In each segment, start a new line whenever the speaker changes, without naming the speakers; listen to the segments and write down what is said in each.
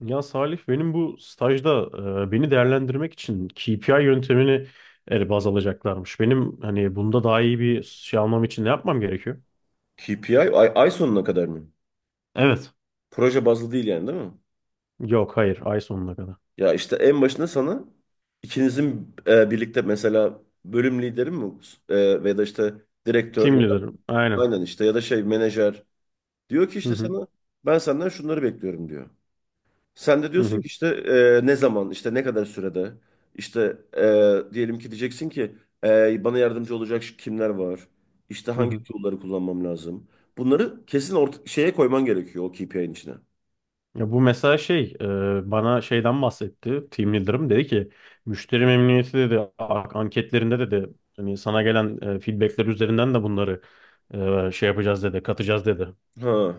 Ya Salih, benim bu stajda beni değerlendirmek için KPI yöntemini baz alacaklarmış. Benim hani bunda daha iyi bir şey almam için ne yapmam gerekiyor?
KPI ay, ay sonuna kadar mı?
Evet.
Proje bazlı değil yani değil mi?
Yok, hayır, ay sonuna kadar.
Ya işte en başında sana ikinizin birlikte mesela bölüm lideri mi ve da işte direktör
Team
ya da
leader'ım, aynen.
aynen işte ya da şey menajer diyor ki
Hı
işte
hı.
sana ben senden şunları bekliyorum diyor. Sen de
Hı
diyorsun
hı.
ki işte ne zaman işte ne kadar sürede işte diyelim ki diyeceksin ki bana yardımcı olacak şu kimler var? İşte
Hı
hangi
hı.
tool'ları kullanmam lazım? Bunları kesin orta, şeye koyman gerekiyor o KPI'nin içine.
Ya bu mesela şey bana şeyden bahsetti, team leader'ım dedi ki müşteri memnuniyeti dedi, anketlerinde dedi, hani sana gelen feedbackler üzerinden de bunları şey yapacağız dedi, katacağız dedi.
Ha.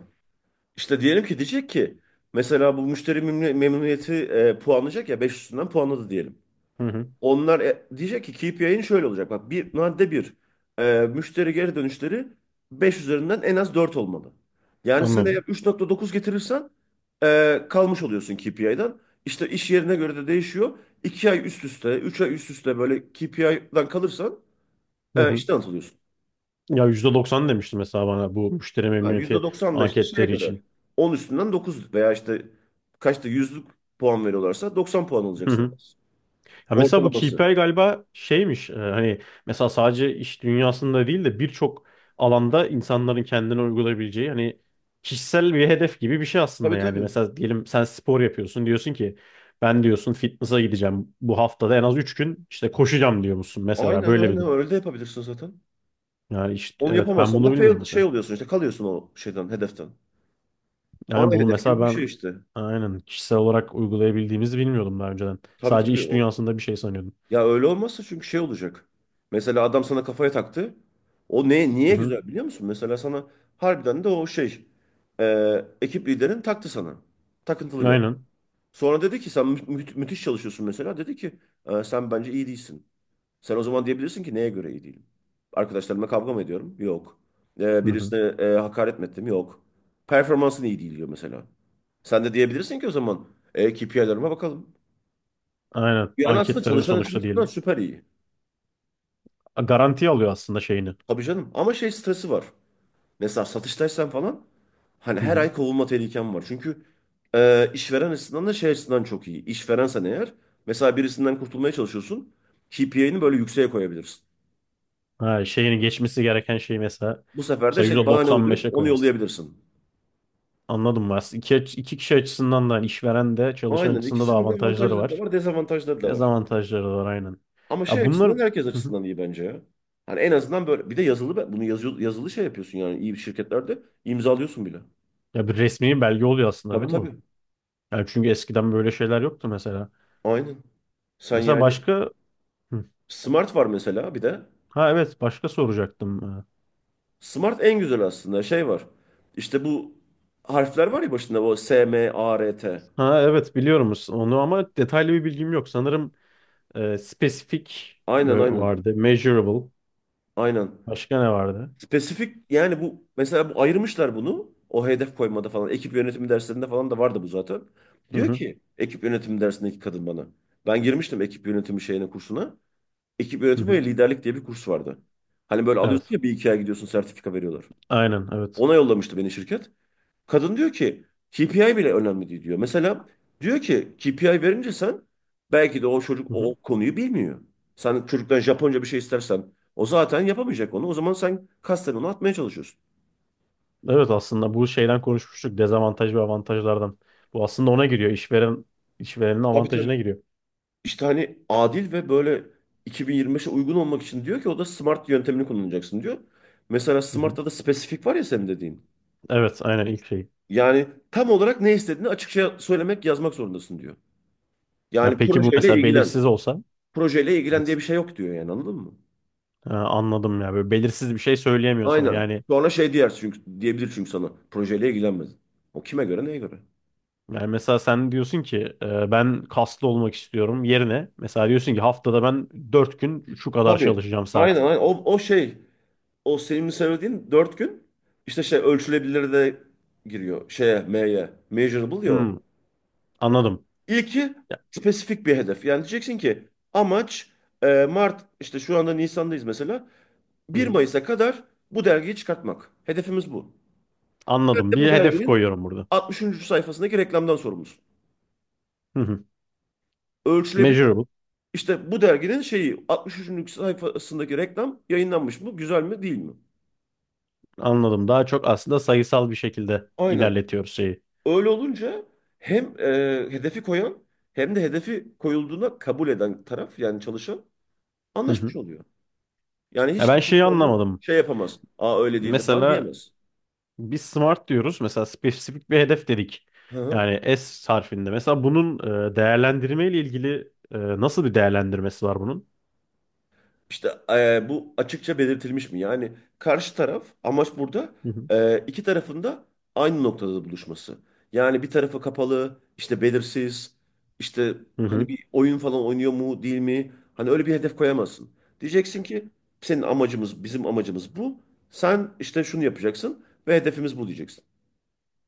İşte diyelim ki diyecek ki mesela bu memnuniyeti puanlayacak ya 5 üstünden puanladı diyelim.
Hı hı,
Onlar diyecek ki KPI'nin şöyle olacak. Bak bir madde bir, müşteri geri dönüşleri 5 üzerinden en az 4 olmalı. Yani sen eğer
anladım.
3,9 getirirsen kalmış oluyorsun KPI'den. İşte iş yerine göre de değişiyor. 2 ay üst üste, 3 ay üst üste böyle KPI'den kalırsan işten atılıyorsun.
Ya %90 demişti mesela bana bu müşteri
Ha, yüzde
memnuniyeti
doksan da işte şeye
anketleri
göre.
için.
10 üstünden 9 veya işte kaçta yüzlük puan veriyorlarsa 90 puan
Hı
alacaksın, en
hı.
az.
Ya mesela bu
Ortalaması.
KPI galiba şeymiş, hani mesela sadece iş dünyasında değil de birçok alanda insanların kendine uygulayabileceği hani kişisel bir hedef gibi bir şey aslında
Tabii,
yani.
tabii.
Mesela diyelim sen spor yapıyorsun, diyorsun ki ben diyorsun fitness'a gideceğim, bu haftada en az 3 gün işte koşacağım diyor musun mesela,
Aynen,
böyle bir
aynen
durum.
öyle de yapabilirsin zaten.
Yani işte,
Onu
evet, ben
yapamazsan
bunu
da
bilmiyorum
fail şey
mesela.
oluyorsun işte, kalıyorsun o şeyden, hedeften.
Yani
Ana
bunu
hedef gibi
mesela
bir şey
ben
işte.
aynen kişisel olarak uygulayabildiğimizi bilmiyordum daha önceden.
Tabii,
Sadece
tabii.
iş
O.
dünyasında bir şey sanıyordum.
Ya öyle olmazsa çünkü şey olacak. Mesela adam sana kafaya taktı. O ne,
Hı
niye
hı.
güzel biliyor musun? Mesela sana harbiden de o şey, ekip liderin taktı sana. Takıntılı bir.
Aynen.
Sonra dedi ki sen müthiş çalışıyorsun mesela. Dedi ki sen bence iyi değilsin." Sen o zaman diyebilirsin ki neye göre iyi değilim? Arkadaşlarımla kavga mı ediyorum? Yok.
Hı hı.
Birisine hakaret mi ettim? Yok. Performansın iyi değil diyor mesela. Sen de diyebilirsin ki o zaman KPI'lerime bakalım.
Aynen.
Yani aslında
Anketlerimi
çalışan
sonuçta
açısından
diyelim.
süper iyi.
Garanti alıyor aslında şeyini.
Tabii canım. Ama şey stresi var. Mesela satıştaysan falan hani
Hı
her
hı.
ay kovulma tehlikem var. Çünkü işveren açısından da şey açısından çok iyi. İşverensen eğer mesela birisinden kurtulmaya çalışıyorsun. KPI'ni böyle yükseğe koyabilirsin.
Ha, şeyini geçmesi gereken şeyi mesela
Bu sefer de
mesela
şey
yüzde
bahane
doksan
uydurup
beşe
onu
koyarsın.
yollayabilirsin.
Anladım mı? Aslında iki kişi açısından da hani işveren de çalışan
Aynen,
açısından da
ikisinin de
avantajları
avantajları da
var.
var, dezavantajları da var.
Dezavantajları da var, aynen.
Ama şey
Ya bunlar.
açısından herkes
Hı hı.
açısından iyi bence ya. Hani en azından böyle bir de yazılı, bunu yazıyor, yazılı şey yapıyorsun yani iyi bir şirketlerde imzalıyorsun bile.
Ya bir resmi belge oluyor aslında,
Tabii,
değil mi bu?
tabii.
Yani çünkü eskiden böyle şeyler yoktu mesela.
Aynen. Sen
Mesela
yani
başka. Hı.
Smart var mesela bir de.
Ha, evet, başka soracaktım.
Smart en güzel aslında şey var. İşte bu harfler var ya başında, o S, M, A, R, T.
Ha, evet, biliyoruz onu ama detaylı bir bilgim yok. Sanırım spesifik
Aynen, aynen.
vardı. Measurable.
Aynen.
Başka ne vardı?
Spesifik yani bu mesela bu ayırmışlar bunu. O hedef koymada falan. Ekip yönetimi derslerinde falan da vardı bu zaten.
Hı
Diyor
hı.
ki ekip yönetimi dersindeki kadın bana. Ben girmiştim ekip yönetimi şeyine, kursuna. Ekip
Hı
yönetimi
hı.
ve liderlik diye bir kurs vardı. Hani böyle alıyorsun
Evet.
ya, bir iki ay gidiyorsun sertifika veriyorlar.
Aynen, evet.
Ona yollamıştı beni şirket. Kadın diyor ki KPI bile önemli değil diyor. Mesela diyor ki KPI verince sen belki de o çocuk
Hı
o
hı.
konuyu bilmiyor. Sen çocuktan Japonca bir şey istersen o zaten yapamayacak onu. O zaman sen kasten onu atmaya çalışıyorsun.
Evet, aslında bu şeyden konuşmuştuk. Dezavantaj ve avantajlardan. Bu aslında ona giriyor. İşveren işverenin
Tabii, tabii.
avantajına giriyor.
İşte hani adil ve böyle 2025'e uygun olmak için diyor ki o da SMART yöntemini kullanacaksın diyor. Mesela
Hı hı.
SMART'ta da spesifik var ya senin dediğin.
Evet, aynen, ilk şey.
Yani tam olarak ne istediğini açıkça söylemek, yazmak zorundasın diyor.
Ya
Yani
peki bu
projeyle
mesela belirsiz
ilgilen.
olsa.
Projeyle ilgilen diye
Belirsiz.
bir şey yok diyor yani, anladın mı?
Ha, anladım ya. Böyle belirsiz bir şey söyleyemiyor sana.
Aynen.
Yani
Sonra şey diyer çünkü, diyebilir çünkü sana. Projeyle ilgilenmedin. O kime göre, neye göre?
Yani mesela sen diyorsun ki ben kaslı olmak istiyorum yerine mesela diyorsun ki haftada ben 4 gün şu kadar
Tabii.
çalışacağım
Aynen,
saat.
aynen. O şey, o senin söylediğin dört gün işte şey, ölçülebilir de giriyor şeye, M'ye. Measurable ya, o.
Hmm. Anladım.
İlki spesifik bir hedef. Yani diyeceksin ki amaç, Mart, işte şu anda Nisan'dayız mesela,
Hı
bir
hı.
Mayıs'a kadar bu dergiyi çıkartmak. Hedefimiz bu. Bir de
Anladım.
bu
Bir hedef
derginin
koyuyorum burada.
60. sayfasındaki reklamdan sorumlusun.
Hı hı. Measurable.
İşte bu derginin şeyi 63. sayfasındaki reklam yayınlanmış mı? Güzel mi, değil mi?
Anladım. Daha çok aslında sayısal bir şekilde
Aynen.
ilerletiyoruz şeyi.
Öyle olunca hem hedefi koyan hem de hedefi koyulduğuna kabul eden taraf yani çalışan
Hı hı.
anlaşmış oluyor. Yani
Ya
hiç
ben
kimse
şeyi
sonradan
anlamadım.
şey yapamaz. Aa, öyle değildi falan
Mesela
diyemez.
biz smart diyoruz. Mesela spesifik bir hedef dedik.
Hı hı.
Yani S harfinde. Mesela bunun değerlendirme ile ilgili nasıl bir değerlendirmesi var bunun?
İşte bu açıkça belirtilmiş mi? Yani karşı taraf, amaç burada
Hı hı.
iki tarafın da aynı noktada buluşması. Yani bir tarafı kapalı, işte belirsiz, işte
Hı
hani
hı.
bir oyun falan oynuyor mu değil mi? Hani öyle bir hedef koyamazsın. Diyeceksin ki senin amacımız, bizim amacımız bu. Sen işte şunu yapacaksın ve hedefimiz bu diyeceksin.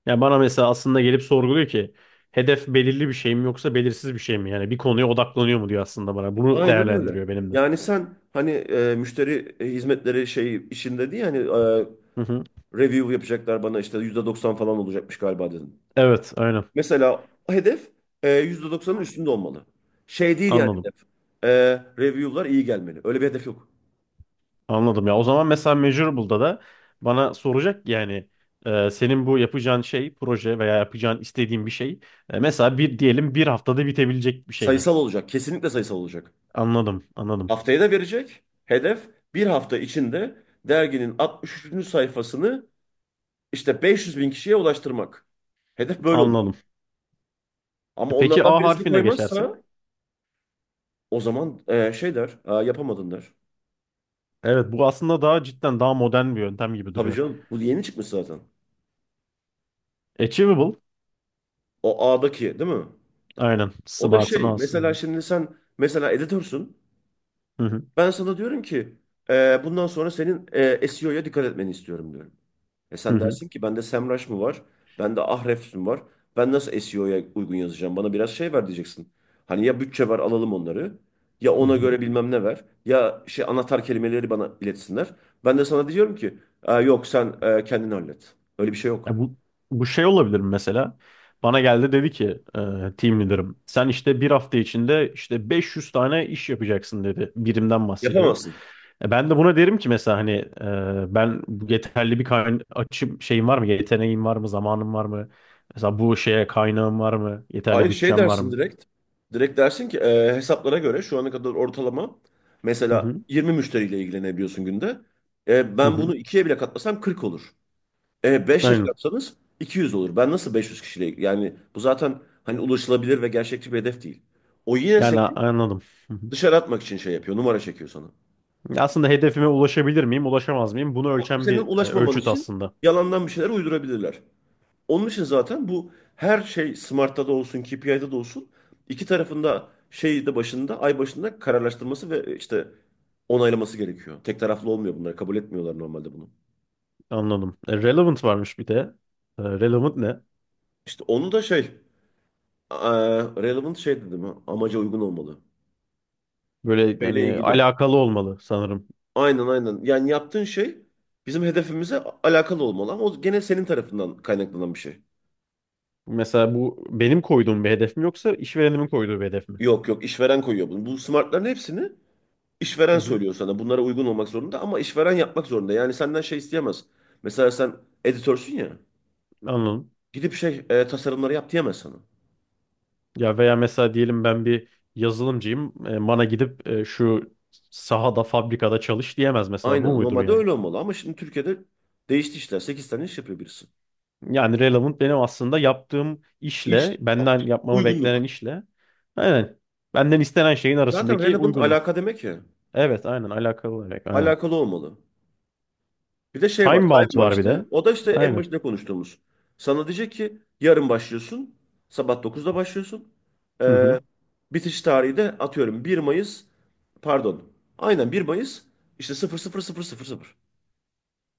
Yani bana mesela aslında gelip sorguluyor ki hedef belirli bir şey mi yoksa belirsiz bir şey mi? Yani bir konuya odaklanıyor mu diyor aslında bana. Bunu
Aynen öyle.
değerlendiriyor benimle.
Yani sen hani müşteri hizmetleri şey işinde diye hani
Hı hı.
review yapacaklar bana işte %90 falan olacakmış galiba dedim.
Evet, aynen.
Mesela o hedef %90'ın üstünde olmalı. Şey değil yani
Anladım.
hedef. E, review'lar iyi gelmeli. Öyle bir hedef yok.
Anladım ya. O zaman mesela Measurable'da da bana soracak ki yani senin bu yapacağın şey, proje veya yapacağın istediğin bir şey mesela bir diyelim bir haftada bitebilecek bir şey mi?
Sayısal olacak. Kesinlikle sayısal olacak.
Anladım, anladım,
Haftaya da verecek. Hedef bir hafta içinde derginin 63. sayfasını işte 500 bin kişiye ulaştırmak. Hedef böyle oluyor.
anladım.
Ama
Peki
onlardan
A
birisini
harfine geçersek?
koymazsa o zaman şey der. "Aa, yapamadın" der.
Evet, bu aslında daha cidden daha modern bir yöntem gibi
Tabii
duruyor.
canım. Bu yeni çıkmış zaten.
Achievable,
O A'daki değil mi?
aynen.
O da
Smart'ın
şey.
A'sı.
Mesela şimdi sen mesela editörsün.
Hı hı.
Ben sana diyorum ki bundan sonra senin SEO'ya dikkat etmeni istiyorum diyorum. E
Hı
sen
hı.
dersin ki bende SEMrush mı var? Bende Ahrefs mi var? Ben nasıl SEO'ya uygun yazacağım? Bana biraz şey ver diyeceksin. Hani ya bütçe ver, alalım onları. Ya
Hı
ona
hı.
göre bilmem ne ver. Ya şey, anahtar kelimeleri bana iletsinler. Ben de sana diyorum ki "Aa, yok, sen kendin hallet." Öyle bir şey yok.
Ya bu şey olabilir mi mesela? Bana geldi dedi ki team leader'ım sen işte bir hafta içinde işte 500 tane iş yapacaksın dedi. Birimden bahsediyorum.
Yapamazsın.
Ben de buna derim ki mesela hani ben bu yeterli bir kayna açım şeyim var mı? Yeteneğim var mı? Zamanım var mı? Mesela bu şeye kaynağım var mı? Yeterli
Hayır şey
bütçem var
dersin
mı?
direkt. Direkt dersin ki hesaplara göre şu ana kadar ortalama
Hı
mesela
hı.
20 müşteriyle ilgilenebiliyorsun günde.
Hı
Ben bunu
hı.
ikiye bile katlasam 40 olur. 5 ile
Aynen.
çarpsanız 200 olur. Ben nasıl 500 kişiyle, yani bu zaten hani ulaşılabilir ve gerçekçi bir hedef değil. O yine seni
Yani anladım. Hı hı.
dışarı atmak için şey yapıyor. Numara çekiyor sana.
Aslında hedefime ulaşabilir miyim, ulaşamaz mıyım? Bunu ölçen
Senin
bir
ulaşmaman
ölçüt
için
aslında.
yalandan bir şeyler uydurabilirler. Onun için zaten bu, her şey Smart'ta da olsun, KPI'de de olsun iki tarafında şeyi de başında, ay başında kararlaştırması ve işte onaylaması gerekiyor. Tek taraflı olmuyor bunlar. Kabul etmiyorlar normalde bunu.
Anladım. Relevant varmış bir de. Relevant ne?
İşte onu da şey, relevant şey dedim, ha, amaca uygun olmalı.
Böyle
Şeyle
yani
ilgili.
alakalı olmalı sanırım.
Aynen, aynen. Yani yaptığın şey bizim hedefimize alakalı olmalı, ama o gene senin tarafından kaynaklanan bir şey.
Mesela bu benim koyduğum bir hedef mi yoksa işverenimin koyduğu bir hedef mi?
Yok yok, işveren koyuyor bunu. Bu smartların hepsini
Hı
İşveren
hı,
söylüyor sana, bunlara uygun olmak zorunda ama işveren yapmak zorunda. Yani senden şey isteyemez. Mesela sen editörsün ya.
anladım.
Gidip şey, tasarımları yap diyemez sana.
Ya veya mesela diyelim ben bir yazılımcıyım. Bana gidip şu sahada, fabrikada çalış diyemez mesela. Bu
Aynen,
muydur
normalde
yani?
öyle olmalı ama şimdi Türkiye'de değişti işler. 8 tane iş yapıyor birisi.
Yani relevant benim aslında yaptığım
İş
işle, benden yapmamı beklenen
uygunluk.
işle. Aynen. Benden istenen şeyin
Zaten
arasındaki
relevant
uygunluk.
alaka demek ya.
Evet, aynen alakalı olarak. Aynen.
Alakalı olmalı. Bir de şey var,
Time bound
time var
var bir
işte.
de.
O da işte en
Aynen.
başında konuştuğumuz. Sana diyecek ki yarın başlıyorsun. Sabah dokuzda başlıyorsun.
Hı hı.
Bitiş tarihi de atıyorum bir Mayıs, pardon. Aynen, bir Mayıs işte sıfır sıfır sıfır sıfır sıfır.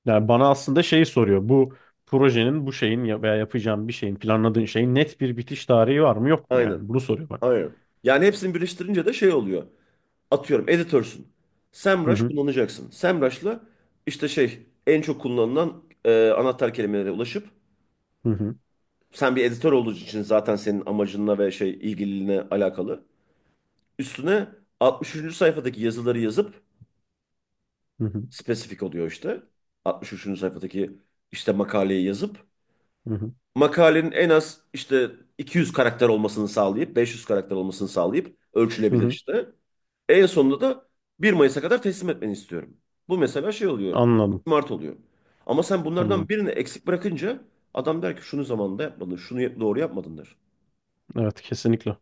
Yani bana aslında şeyi soruyor. Bu projenin, bu şeyin veya yapacağım bir şeyin, planladığın şeyin net bir bitiş tarihi var mı yok mu yani?
Aynen.
Bunu soruyor bana.
Aynen. Yani hepsini birleştirince de şey oluyor. Atıyorum editörsün.
Hı
Semrush
hı.
kullanacaksın. Semrush'la işte şey, en çok kullanılan anahtar kelimelere ulaşıp
Hı hı.
sen bir editör olduğu için zaten senin amacınla ve şey, ilgililiğine alakalı. Üstüne 63. sayfadaki yazıları yazıp
Hı hı.
spesifik oluyor işte. 63. sayfadaki işte makaleyi yazıp
Hı hı.
makalenin en az işte 200 karakter olmasını sağlayıp 500 karakter olmasını sağlayıp
Hı
ölçülebilir
hı.
işte. En sonunda da 1 Mayıs'a kadar teslim etmeni istiyorum. Bu mesela şey oluyor.
Anladım.
Mart oluyor. Ama sen bunlardan
Anladım.
birini eksik bırakınca adam der ki şunu zamanında yapmadın, doğru yapmadın der.
Evet, kesinlikle.